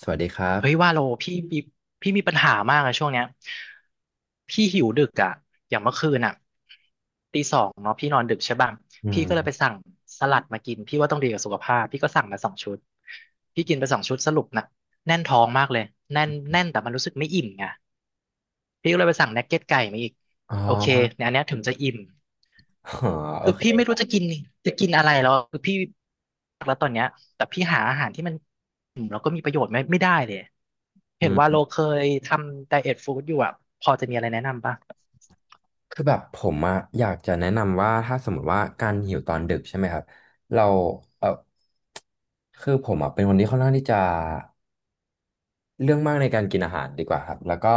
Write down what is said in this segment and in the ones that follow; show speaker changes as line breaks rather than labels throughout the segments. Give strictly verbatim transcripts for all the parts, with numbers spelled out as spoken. สวัสดีครั
เฮ้ย
บ
ว่าโลพี่มีพี่มีปัญหามากอะช่วงเนี้ยพี่หิวดึกอะอย่างเมื่อคืนอะตีสองเนาะพี่นอนดึกใช่ป่ะ
อื
พี่ก็เลยไป
ม
สั่งสลัดมากินพี่ว่าต้องดีกับสุขภาพพี่ก็สั่งมาสองชุดพี่กินไปสองชุดสรุปนะแน่นท้องมากเลยแน่นแน่นแต่มันรู้สึกไม่อิ่มไงพี่ก็เลยไปสั่งนักเก็ตไก่มาอีก
อ๋อ
โอเคเนี่ ยอันเนี้ยถึงจะอิ่ม
อ๋อโอ
คือ
เค
พี่ไม่รู้จะกินจะกินอะไรแล้วคือพี่แล้วตอนเนี้ยแต่พี่หาอาหารที่มันอืมแล้วก็มีประโยชน์ไม่ไม่ได้เลย
อื
เห็นว่าโล
ม
เคยทำไดเอทฟู้ดอยู่อ่ะพอจะมีอะไรแนะนำป่ะ
คือแบบผมอะอยากจะแนะนำว่าถ้าสมมติว่าการหิวตอนดึกใช่ไหมครับ เรา เออคือผมอะเป็นคนที่ค่อนข้างที่จะ เรื่องมากในการกินอาหารดีกว่าครับแล้วก็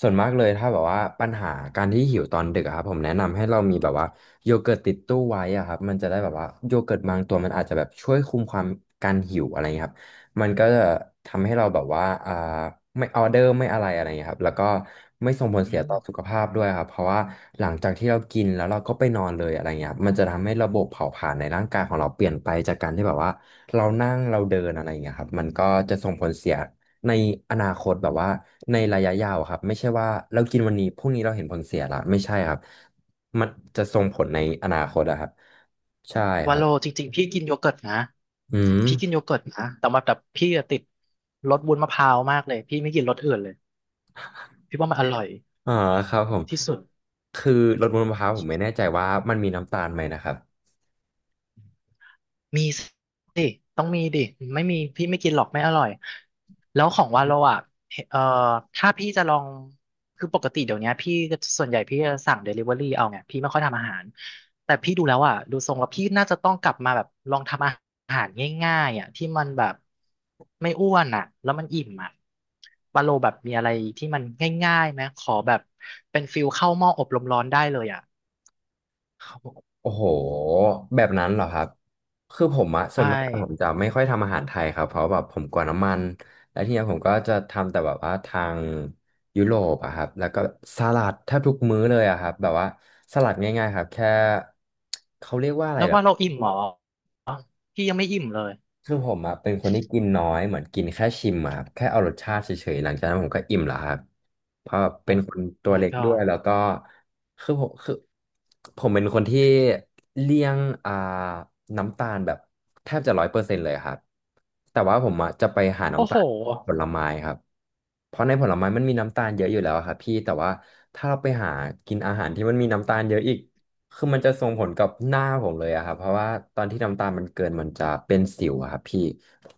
ส่วนมากเลยถ้าแบบว่าปัญหาการที่หิวตอนดึกอะครับผมแนะนำให้เรามีแบบว่าโยเกิร์ตติดตู้ไว้อะครับมันจะได้แบบว่าโยเกิร์ตบางตัวมันอาจจะแบบช่วยคุมความการหิวอะไรเงี้ยครับมันก็จะทำให้เราแบบว่าอ่าไม่ออเดอร์ไม่อะไรอะไรเงี้ยครับแล้วก็ไม่ส่ง
อื
ผลเสียต่อสุข
ม
ภาพด้วยครับเพราะว่าหลังจากที่เรากินแล้วเราก็ไปนอนเลยอะไรเงี้ยครับมันจะทำให้ระบบเผาผลาญในร่างกายของเราเปลี่ยนไปจากการที่แบบว่าเรานั่งเราเดินอะไรเงี้ยครับมันก็จะส่งผลเสีย ในอนาคตแบบว่าในระยะยาวอะครับไม่ใช่ว่าเรากินวันนี้พรุ่งนี้เราเห็นผลเสียละไม่ใช่ครับมันจะส่งผลในอนาคตอะครับใช่ค
ว่า
รั
โล
บ
จริงๆพี่กินโยเกิร์ตนะ
อืม
พี่กินโยเกิร์ตนะแต่ว่าแต่พี่อะติดรสวุ้นมะพร้าวมากเลยพี่ไม่กินรสอื่นเลยพี่ว่ามันอร่อย
อ่าครับผม
ที่สุด
คือรสบนมะพร้าวผมไม่แน่ใจว่ามันมีน้ำตาลไหมนะครับ
มีสิต้องมีดิไม่มีพี่ไม่กินหรอกไม่อร่อยแล้วของวาโลอ่ะเอ่อถ้าพี่จะลองคือปกติเดี๋ยวเนี้ยพี่ก็ส่วนใหญ่พี่จะสั่งเดลิเวอรี่เอาไงพี่ไม่ค่อยทำอาหารแต่พี่ดูแล้วอ่ะดูทรงแล้วพี่น่าจะต้องกลับมาแบบลองทำอาหารง่ายๆอ่ะที่มันแบบไม่อ้วนอ่ะแล้วมันอิ่มอ่ะวาโลแบบมีอะไรที่มันง่ายๆไหมขอแบบเป็นฟิลเข้าหม้ออบลมร้อนได้เลยอ่ะ
โอ้โหแบบนั้นเหรอครับคือผมอะส่ว
ใช่
นมากผมจะไม่ค่อยทำอาหารไทยครับเพราะแบบผมกลัวน้ำมันแล้วทีเนี้ยผมก็จะทำแต่แบบว่าทางยุโรปอะครับแล้วก็สลัดแทบทุกมื้อเลยอะครับแบบว่าสลัดง่ายๆครับแค่เขาเรียกว่าอะไร
แล้ว
เหรอ
ว่าเราอิ่มเหรอพี่ยังไม่อิ่มเลย
คือผมอะเป็นคนที่กินน้อยเหมือนกินแค่ชิมอะครับแค่เอารสชาติเฉยๆหลังจากนั้นผมก็อิ่มแล้วครับเพราะเป็
โอ้
นคนตัว
my
เล็กด้วย
god
แล้วก็คือผมคือผมเป็นคนที่เลี่ยงอ่าน้ำตาลแบบแทบจะร้อยเปอร์เซ็นต์เลยครับแต่ว่าผมอะจะไปหา
โอ้
น้ำ
โห
ตาลผลไม้ครับเพราะในผลไม้มันมีน้ำตาลเยอะอยู่แล้วอะครับพี่แต่ว่าถ้าเราไปหากินอาหารที่มันมีน้ำตาลเยอะอีก คือมันจะส่งผลกับหน้าผมเลยอะครับเพราะว่าตอนที่น้ำตาลมันเกินมันจะเป็นสิวอะครับพี่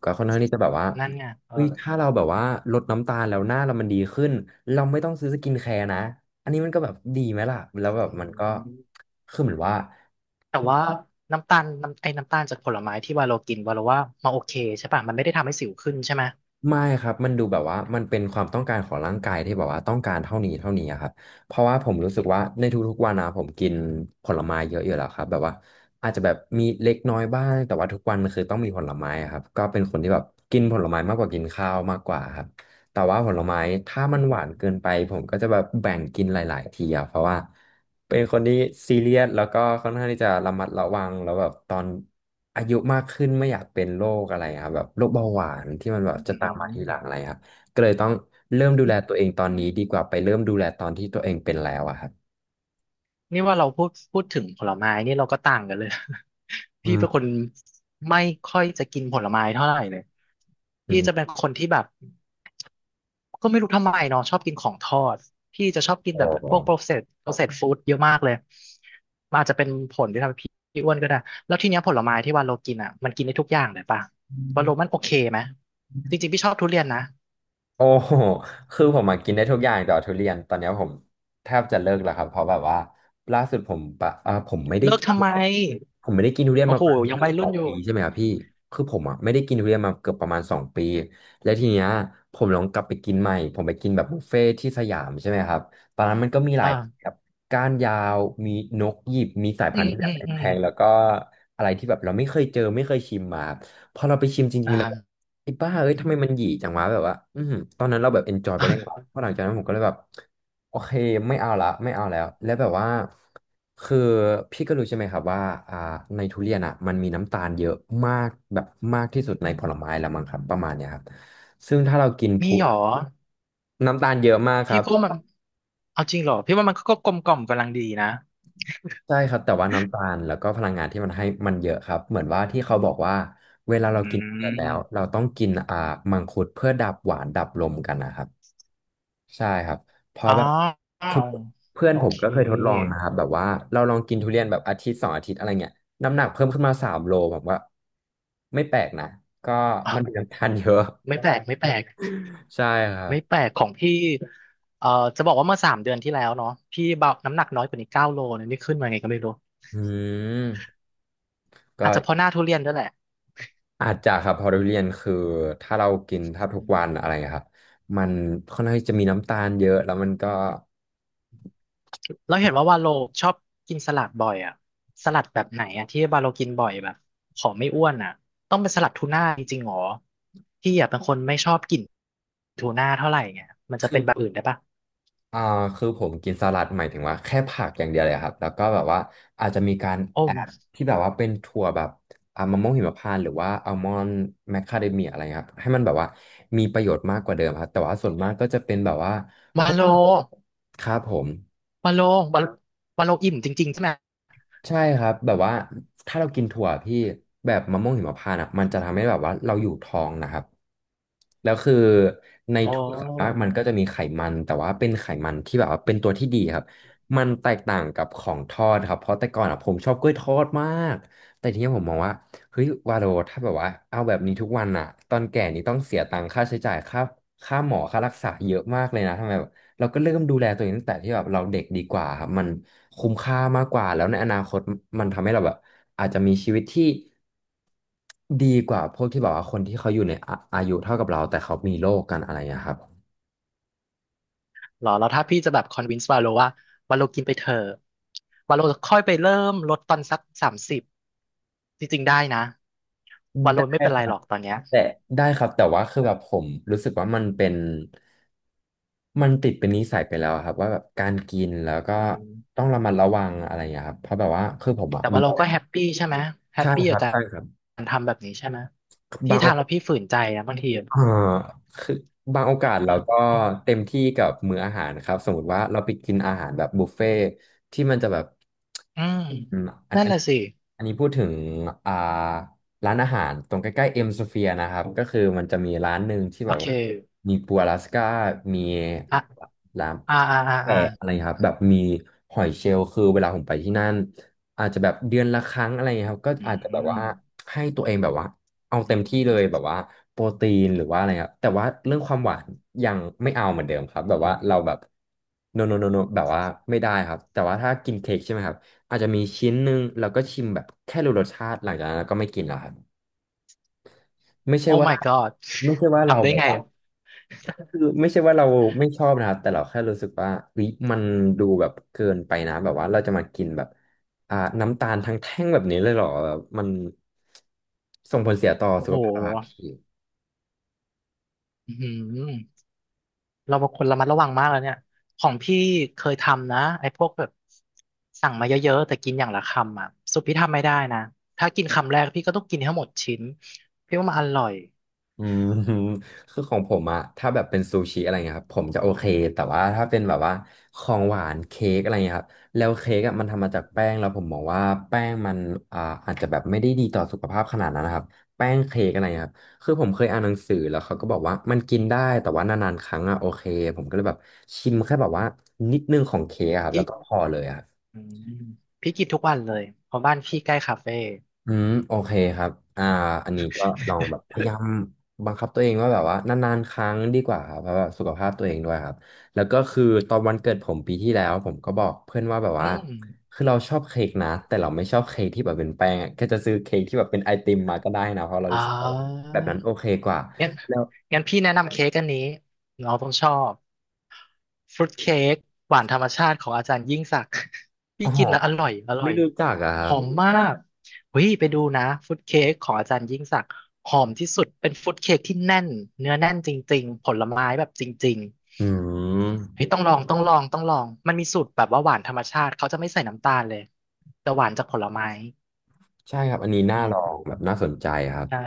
ก็ค่อนข้างที่จะแบบว่า
นั่นไงเออ
เฮ้ยถ้าเราแบบว่าลดน้ำตาลแล้วหน้าเรามันดีขึ้นเราไม่ต้องซื้อสกินแคร์นะอันนี้มันก็แบบดีไหมล่ะแล้วแบบ
อื
มันก็
ม
คือเหมือนว่า
แต่ว่าน้ำตาลน้ำไอ้น้ำตาลจากผลไม้ที่วาโลกินวาโลว่ามาโอเคใช่ป่ะมันไม่ได้ทำให้สิวขึ้นใช่ไหม
ไม่ครับมันดูแบบว่ามันเป็นความต้องการของร่างกายที่แบบว่าต้องการเท่านี้เท่านี้อะครับเพราะว่าผมรู้สึกว่าในทุกๆวันนะผมกินผลไม้เยอะอยู่แล้วครับแบบว่าอาจจะแบบมีเล็กน้อยบ้างแต่ว่าทุกวันมันคือต้องมีผลไม้อะครับก็เป็นคนที่แบบกินผลไม้มากกว่ากินข้าวมากกว่าครับแต่ว่าผลไม้ถ้ามั
อื
นห
ม
วานเกินไปผมก็จะแบบแบ่งกินหลายๆทีอะเพราะว่า เป็นคนที่ซีเรียสแล้วก็ค่อนข้างที่จะระมัดระวังแล้วแบบตอนอายุมากขึ้นไม่อยากเป็นโรคอะไรครับแบบโรคเบาหวานที่มันแบบ
อื
จะตามมาทีห
ม
ลังอะไรครับก็เลยต้องเริ่มดูแลตัวเองตอนนี้ดีกว่าไปเริ่มดูแลตอนที่ตัวเองเป็นแล้วอะครับ
นี่ว่าเราพูดพูดถึงผลไม้นี่เราก็ต่างกันเลย
อื
พี่
ม
เป็นคนไม่ค่อยจะกินผลไม้เท่าไหร่เลย
อื
พี่จะเป็น
ม
คนที่แบบ ก็ไม่รู้ทำไมเนาะชอบกินของทอดพี่จะชอบกินแบ
อ๋อ
บพวก processed processed food เยอะมากเลยมันอาจจะเป็นผลที่ทำให้พี่อ้วนก็ได้แล้วทีเนี้ยผลไม้ที่วาโลกินอ่ะมันกินได้ทุกอย่างเลยป่ะวาโลมันโอเคไหมจริงๆพี่ชอบทุเรียนนะ
โอ้ โหคือผมมากินได้ทุกอย่างแต่ว่าทุเรียนตอนเนี้ยผมแทบจะเลิกแล้วครับเพราะแบบว่าล่าสุดผมปะอ่าผมไม่ได้
เลิก
กิน
ทำไม
ผมไม่ได้กินทุเรียน
โอ้
มา
โห
ประมาณ
ยัง
เกือ
วั
บ
ย
ส
รุ่
อ
น
ง
อยู่
ปีใช่ไหมครับพี่คือผมอ่ะไม่ได้กินทุเรียนมาเกือบประมาณสองปีแล้วทีเนี้ยผมลองกลับไปกินใหม่ผมไปกินแบบบุฟเฟ่ที่สยามใช่ไหมครับตอนนั้นมันก็มีหลายแบ
อ่า
บก้านยาวมีนกหยิบมีสาย
อื
พัน
ม
ธุ์ที่แบ
อื
บ
ม
แ
อื
พ
ม
งๆแล้วก็อะไรที่แบบเราไม่เคยเจอไม่เคยชิมมาพอเราไปชิมจริงๆแล้ว
อ่า
ไอ้บ้าเอ้ยทำไมมันหยีจังวะแบบว่าอือหือตอนนั้นเราแบบเอนจอยไปได้ก่อนเพราะหลังจากนั้นผมก็เลยแบบโอเคไม่เอาละไม่เอาแล้ว แล้วแบบว่าคือพี่ก็รู้ใช่ไหมครับว่าอ่าในทุเรียนอ่ะมันมีน้ำตาลเยอะมากแบบมากที่สุดในผลไม้ละมั้งครับประมาณเนี้ยครับซึ่งถ้าเรากิน
มี
พู
หรอ
น้ำตาลเยอะมากค
พี่
รับ
ก็มันเอาจริงเหรอพี่ว่ามันก็กลมกล่อมกำลังดีนะ
ใช่ครับแต่ว่าน้ำตาลแล้วก็พลังงานที่มันให้มันเยอะครับเหมือนว่าที่เขาบอกว่าเวลาเรา
อื
กินเส็ดแล้วเรา
ม
ต้องกินอ่ามังคุดเพื่อดับหวานดับลมกันนะครับ ใช่ครับเพราะ
อ๋อ
แบบคือเพื่อน
โอ
ผม
เค
ก็เคยทดลองนะครับแบบว่าเราลองกินทุเรียนแบบอาทิตย์สองอาทิตย์อะไรเงี้ยน้ำหนักเพิ่มขึ้นมาสามโลผมว่าไม่แปลกนะก็มันเป็นน้ำตาลเยอะ
ไม่แปลกไม่แปลก
ใช่ครั
ไม่แป
บ
ลกของพี่เอ่อจะบอกว่าเมื่อสามเดือนที่แล้วเนาะพี่เบาน้ำหนักน้อยกว่านี้เก้าโลเนี่ยนี่ขึ้นมาไงก็ไม่รู้
อืม
อา
ก็
จจะเพราะหน้าทุเรียนด้วยแหละ
อาจจะครับเพอทุเรียนคือถ้าเรากินแทบทุกวันอะไรครับมันค่อนข้างที่จะมีน้ำตาลเยอะแล้วมันก็
เราเห็นว่าวาโลชอบกินสลัดบ่อยอะสลัดแบบไหนอะที่วาโลกินบ่อยแบบขอไม่อ้วนอะต้องเป็นสลัดทูน่าจริงๆหรอพี่อะเป็นคนไม่ชอบกินทูน่าเท่าไหร่ไงมันจะ
คื
เป็
อ
นแบบอื่นได้ปะ
อ่าคือผมกินสลัดหมายถึงว่าแค่ผักอย่างเดียวเลยครับแล้วก็แบบว่าอาจจะมีการ
โอ้
แอ
มา
ดที่แบบว่าเป็นถั่วแบบอ่ามะม่วงหิมพานต์หรือว่าอัลมอนด์แมคคาเดเมียอะไรครับให้มันแบบว่ามีประโยชน์มากกว่าเดิมครับแต่ว่าส่วนมากก็จะเป็นแบบว่าพ
วา
วก
โล
ครับผม
วาโลวาโลวาโลอิ่มจริงๆใช่ไหม
ใช่ครับแบบว่าถ้าเรากินถั่วพี่แบบมะม่วงหิมพานต์อ่ะมันจะทำให้แบบว่าเราอยู่ท้องนะครับแล้วคือใน
อ๋
ถั่วส่วนมาก
อ
มันก็จะมีไขมันแต่ว่าเป็นไขมันที่แบบว่าเป็นตัวที่ดีครับมันแตกต่างกับของทอดครับเพราะแต่ก่อนอ่ะผมชอบกล้วยทอดมากแต่ทีนี้ผมมองว่าเฮ้ยวาโรถ้าแบบว่าเอาแบบนี้ทุกวันอ่ะตอนแก่นี่ต้องเสียตังค่าใช้จ่ายค่าค่าหมอค่ารักษาเยอะมากเลยนะทำไม เราก็เริ่มดูแลตัวเองตั้งแต่ที่แบบเราเด็กดีกว่าครับมันคุ้มค่ามากกว่าแล้วในอนาคตมันทำให้เราแบบอาจจะมีชีวิตที่ดีกว่าพวกที่แบบว่าคนที่เขาอยู่ในอาอายุเท่ากับเราแต่เขามีโรคกันอะไรอย่างเงี้ยครับ
หรอแล้วถ้าพี่จะแบบคอนวินส์วาโลว่าวาโลกินไปเถอะวาโลค่อยไปเริ่มลดตอนสักสามสิบจริงๆได้นะวาโล
ได้
ไม่เป็น
ค
ไร
รั
หร
บ
อกตอนเนี้ย
แต่ได้ครับแต่ว่าคือแบบผมรู้สึกว่ามันเป็นมันติดเป็นนิสัยไปแล้วอะครับว่าแบบการกินแล้วก็
อื
ต้
ม
องระมัดระวังอะไรอย่างเงี้ยครับเพราะแบบว่าคือผมอะ
แต่วา
มี
เราก็แฮปปี้ใช่ไหมแฮป
ใช่
ปี้
ค
กั
รั
บ
บ
กา
ใช่ครับ
รทำแบบนี้ใช่ไหมพี่
บาง
ทำแล้วพี่ฝืนใจนะบางทีอะ
อ่าคือบางโอกาสเราก็เต็มที่กับมื้ออาหารนะครับสมมติว่าเราไปกินอาหารแบบบุฟเฟ่ที่มันจะแบบ
อืม
อืมอัน
นั่น
อั
แห
น
ละสิ
อันนี้พูดถึงอ่าร้านอาหารตรงใกล้ๆเอ็มสเฟียนะครับก็คือมันจะมีร้านหนึ่งที่
โอ
แบบ
เค
มีปูอลาสก้ามี
อ่ะ
ร้าน
อ่าอ่าอ่า
แกะอะไร
อ่า
ครับแบบมีหอยเชลล์คือเวลาผมไปที่นั่นอาจจะแบบเดือนละครั้งอะไรเงี้ยครับก็
อื
อาจจะแบบ
ม
ว่าให้ตัวเองแบบว่าเอา
อื
เต็มที่เลย
ม
แบบว่าโปรตีนหรือว่าอะไรครับแต่ว่าเรื่องความหวานยังไม่เอาเหมือนเดิมครับแบบว่าเราแบบโนโนโนโนแบบว่าไม่ได้ครับแต่ว่าถ้ากินเค้กใช่ไหมครับอาจจะมีชิ้นหนึ่งแล้วก็ชิมแบบแค่รู้รสชาติหลังจากนั้นก็ไม่กินแล้วครับไม่ใช่
โอ้
ว่า
my god
ไม่ใช่ว่าเรา
ทำได้
แบบ
ไง
ว่า
อะ
คือไม่ใช่ว่าเราไม่ชอบนะครับแต่เราแค่รู้สึกว่าเฮ้ยมันดูแบบเกินไปนะแบบว่าเราจะมากินแบบอ่าน้ำตาลทั้งแท่งแบบนี้เลยเหรอแบบมันส่งผลเสียต่อ
โอ้
สุ
โห
ขภาพอะพี่
อืม เราเป็นคนระมัดระวังมากแล้วเนี่ยของพี่เคยทำนะไอ้พวกแบบสั่งมาเยอะๆแต่กินอย่างละคำอ่ะสุดพี่ทำไม่ได้นะถ้ากินคำแรกพี่ก็ต้องกินให้หมดชิ้นพี่ว่ามันอร่อย
อืม คือของผมอะถ้าแบบเป็นซูชิอะไรเงี้ยครับผมจะโอเคแต่ว่าถ้าเป็นแบบว่าของหวานเค้กอะไรเงี้ยครับแล้วเค้กอะมันทำมาจากแป้งแล้วผมมองว่าแป้งมันอ่าอาจจะแบบไม่ได้ดีต่อสุขภาพขนาดนั้นนะครับแป้งเค้กอะไรเงี้ยครับคือผมเคยอ่านหนังสือแล้วเขาก็บอกว่ามันกินได้แต่ว่านานๆครั้งอะโอเคผมก็เลยแบบชิมแค่แบบว่านิดนึงของเค้กอะครับแล้
พี่
วก็พอเลยอะ
อืมพี่กินทุกวันเลยเพราะบ้านพี่ใกล้คาเฟ่
อืมโอเคครับอ่าอันนี้ก็ลองแบบพยายาม บังคับตัวเองว่าแบบว่านานๆครั้งดีกว่าครับเพราะว่าสุขภาพตัวเองด้วยครับแล้วก็คือตอนวันเกิดผมปีที่แล้วผมก็บอกเพื่อนว่าแบบ
อื
ว่า
ม
คือเราชอบเค้กนะแต่เราไม่ชอบเค้กที่แบบเป็นแป้งอะแจะซื้อเค้กที่แบบเป็นไอติมมาก็ได้นะเพราะเรา
อ๋
รู้สึกว่า
อ
แบบนั้นโอเคกว่า
งั้น
แล้ว
งั้นพี่แนะนำเค้กอันนี้น้องต้องชอบฟรุตเค้กหวานธรรมชาติของอาจารย์ยิ่งศักดิ์ พี่
อ๋อ
กินแล้วอร่อยอร่
ไม่
อย
รู้จักอะค
ห
รับ
อมมากเฮ้ยไปดูนะฟรุตเค้กของอาจารย์ยิ่งศักดิ์หอมที่สุดเป็นฟรุตเค้กที่แน่นเนื้อแน่นจริงๆผลไม้แบบจริง
อื
ๆเฮ้
ม
ยต้องลองต้องลองต้องลองมันมีสูตรแบบว่าหวานธรรมชาติเขาจะไม่ใส่น้ำตาลเลยจะหวานจากผลไม้
ใช่ครับอันนี้น่า
อื
ลอง
ม
แบบน่าสนใจครับ
ใช่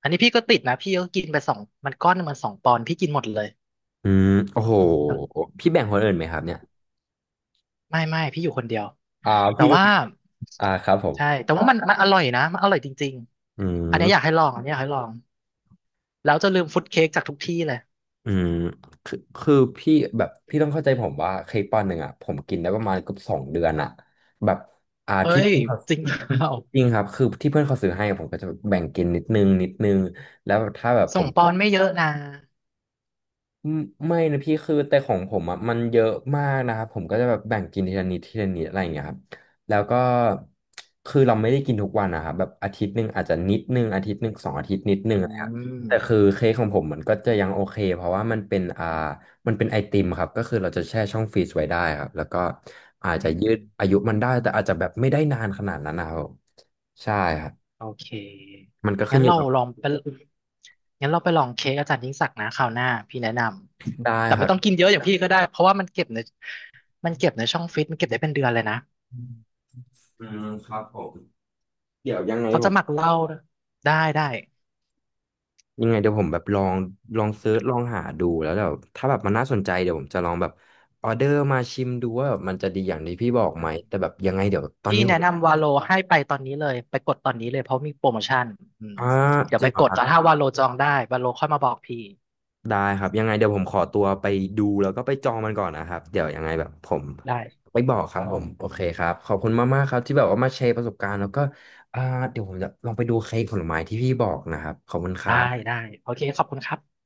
อันนี้พี่ก็ติดนะพี่ก็กินไปสองมันก้อนหนึ่งมันสองปอนด์พี่กินหมดเลย
อืมโอ้โหพี่แบ่งคนอื่นไหมครับเนี่ย
ไม่ไม่พี่อยู่คนเดียว
อ่า
แต่
พี่รู้
ว่า
อ่าครับผม
ใช่แต่ว่ามันมันอร่อยนะมันอร่อยจริง
อื
ๆอันเนี้ยอยาก
ม
ให้ลองอันเนี้ยอยากให้ลองแล้วจะลืมฟุตเค้กจากทุกที่เลย
อืมคือคือพี่แบบพี่ต้องเข้าใจผมว่าเค้กปอนด์หนึ่งอ่ะผมกินได้ประมาณเกือบสองเดือนอ่ะแบบอ่า
เฮ้
ที่
ย
เพื่อนเขา
จริงเปล่า
จริงครับคือที่เพื่อนเขาซื้อให้ผมก็จะแบ่งกินนิดนึงนิดนึงแล้วถ้าแบบผ
ส่ง
ม
ปอนไม่เยอะนะ
ไม่ไม่นะพี่คือแต่ของผมอ่ะมันเยอะมากนะครับผมก็จะแบบแบ่งกินทีละนิดทีละนิดอะไรอย่างเงี้ยครับแล้วก็คือเราไม่ได้กินทุกวันนะครับแบบอาทิตย์หนึ่งอาจจะนิดนึงอาทิตย์หนึ่งสองอาทิตย์นิด
อื
นึงอะไรครับแต่คือ
ม
เค้กของผมมันก็จะยังโอเคเพราะว่ามันเป็นอ่ามันเป็นไอติมครับก็คือเราจะแช่ช่องฟรีซไว้ได้ครับแล้วก็อาจจะ
อืม
ยืดอายุมัน
อืม
ได้แต่อาจจะแบบไม่ได้นานขนาดนั้นนะครับใช่ครับ
โอเค
มันก็ขึ้
งั้
น
น
อยู่
เรา
กับ
ลองไปงั้นเราไปลองเค้กอาจารย์ยิ่งศักดิ์นะคราวหน้าพี่แนะน
ได้
ำแต่
ค
ไม่
รั
ต้อง
บ
กินเยอะอย่างพี่ก็ได้เพราะว่ามันเก็บในมันเก็บในช่องฟรีซมันเก็บได้เป็นเดือนเลยนะ
อืมครับผมเดี๋ยวยังไง
เขา
ผ
จะ
ม
หมักเหล้าได้ได้
ยังไงเดี๋ยวผมแบบลองลองเซิร์ชลองหาดูแล้วแบบถ้าแบบมันน่าสนใจเดี๋ยวผมจะลองแบบออเดอร์มาชิมดูว่าแบบมันจะดีอย่างที่พี่บอกไหมแต่แบบยังไงเดี๋ยวตอน
พี่
นี้ผ
แนะ
ม
นำวาโลให้ไปตอนนี้เลยไปกดตอนนี้เลยเพราะมีโปรโมชั่นอืม
อ่า
เดี๋ยว
จริ
ไป
งเหร
ก
อ
ด
ครับ
แต่ถ้าวาโลจองได้วาโลค่อยมาบอกพี่
ได้ครับยังไงเดี๋ยวผมขอตัวไปดูแล้วก็ไปจองมันก่อนนะครับเดี๋ยวยังไงแบบผม
ได้
ไปบอกครับผมโอเคครับขอบคุณมากๆครับที่แบบว่ามาแชร์ประสบการณ์แล้วก็อ่าเดี๋ยวผมจะลองไปดูเค้กผลไม้ที่พี่บอกนะครับขอบคุณค
ได้
รับ
ได้โอเคขอบคุณครับ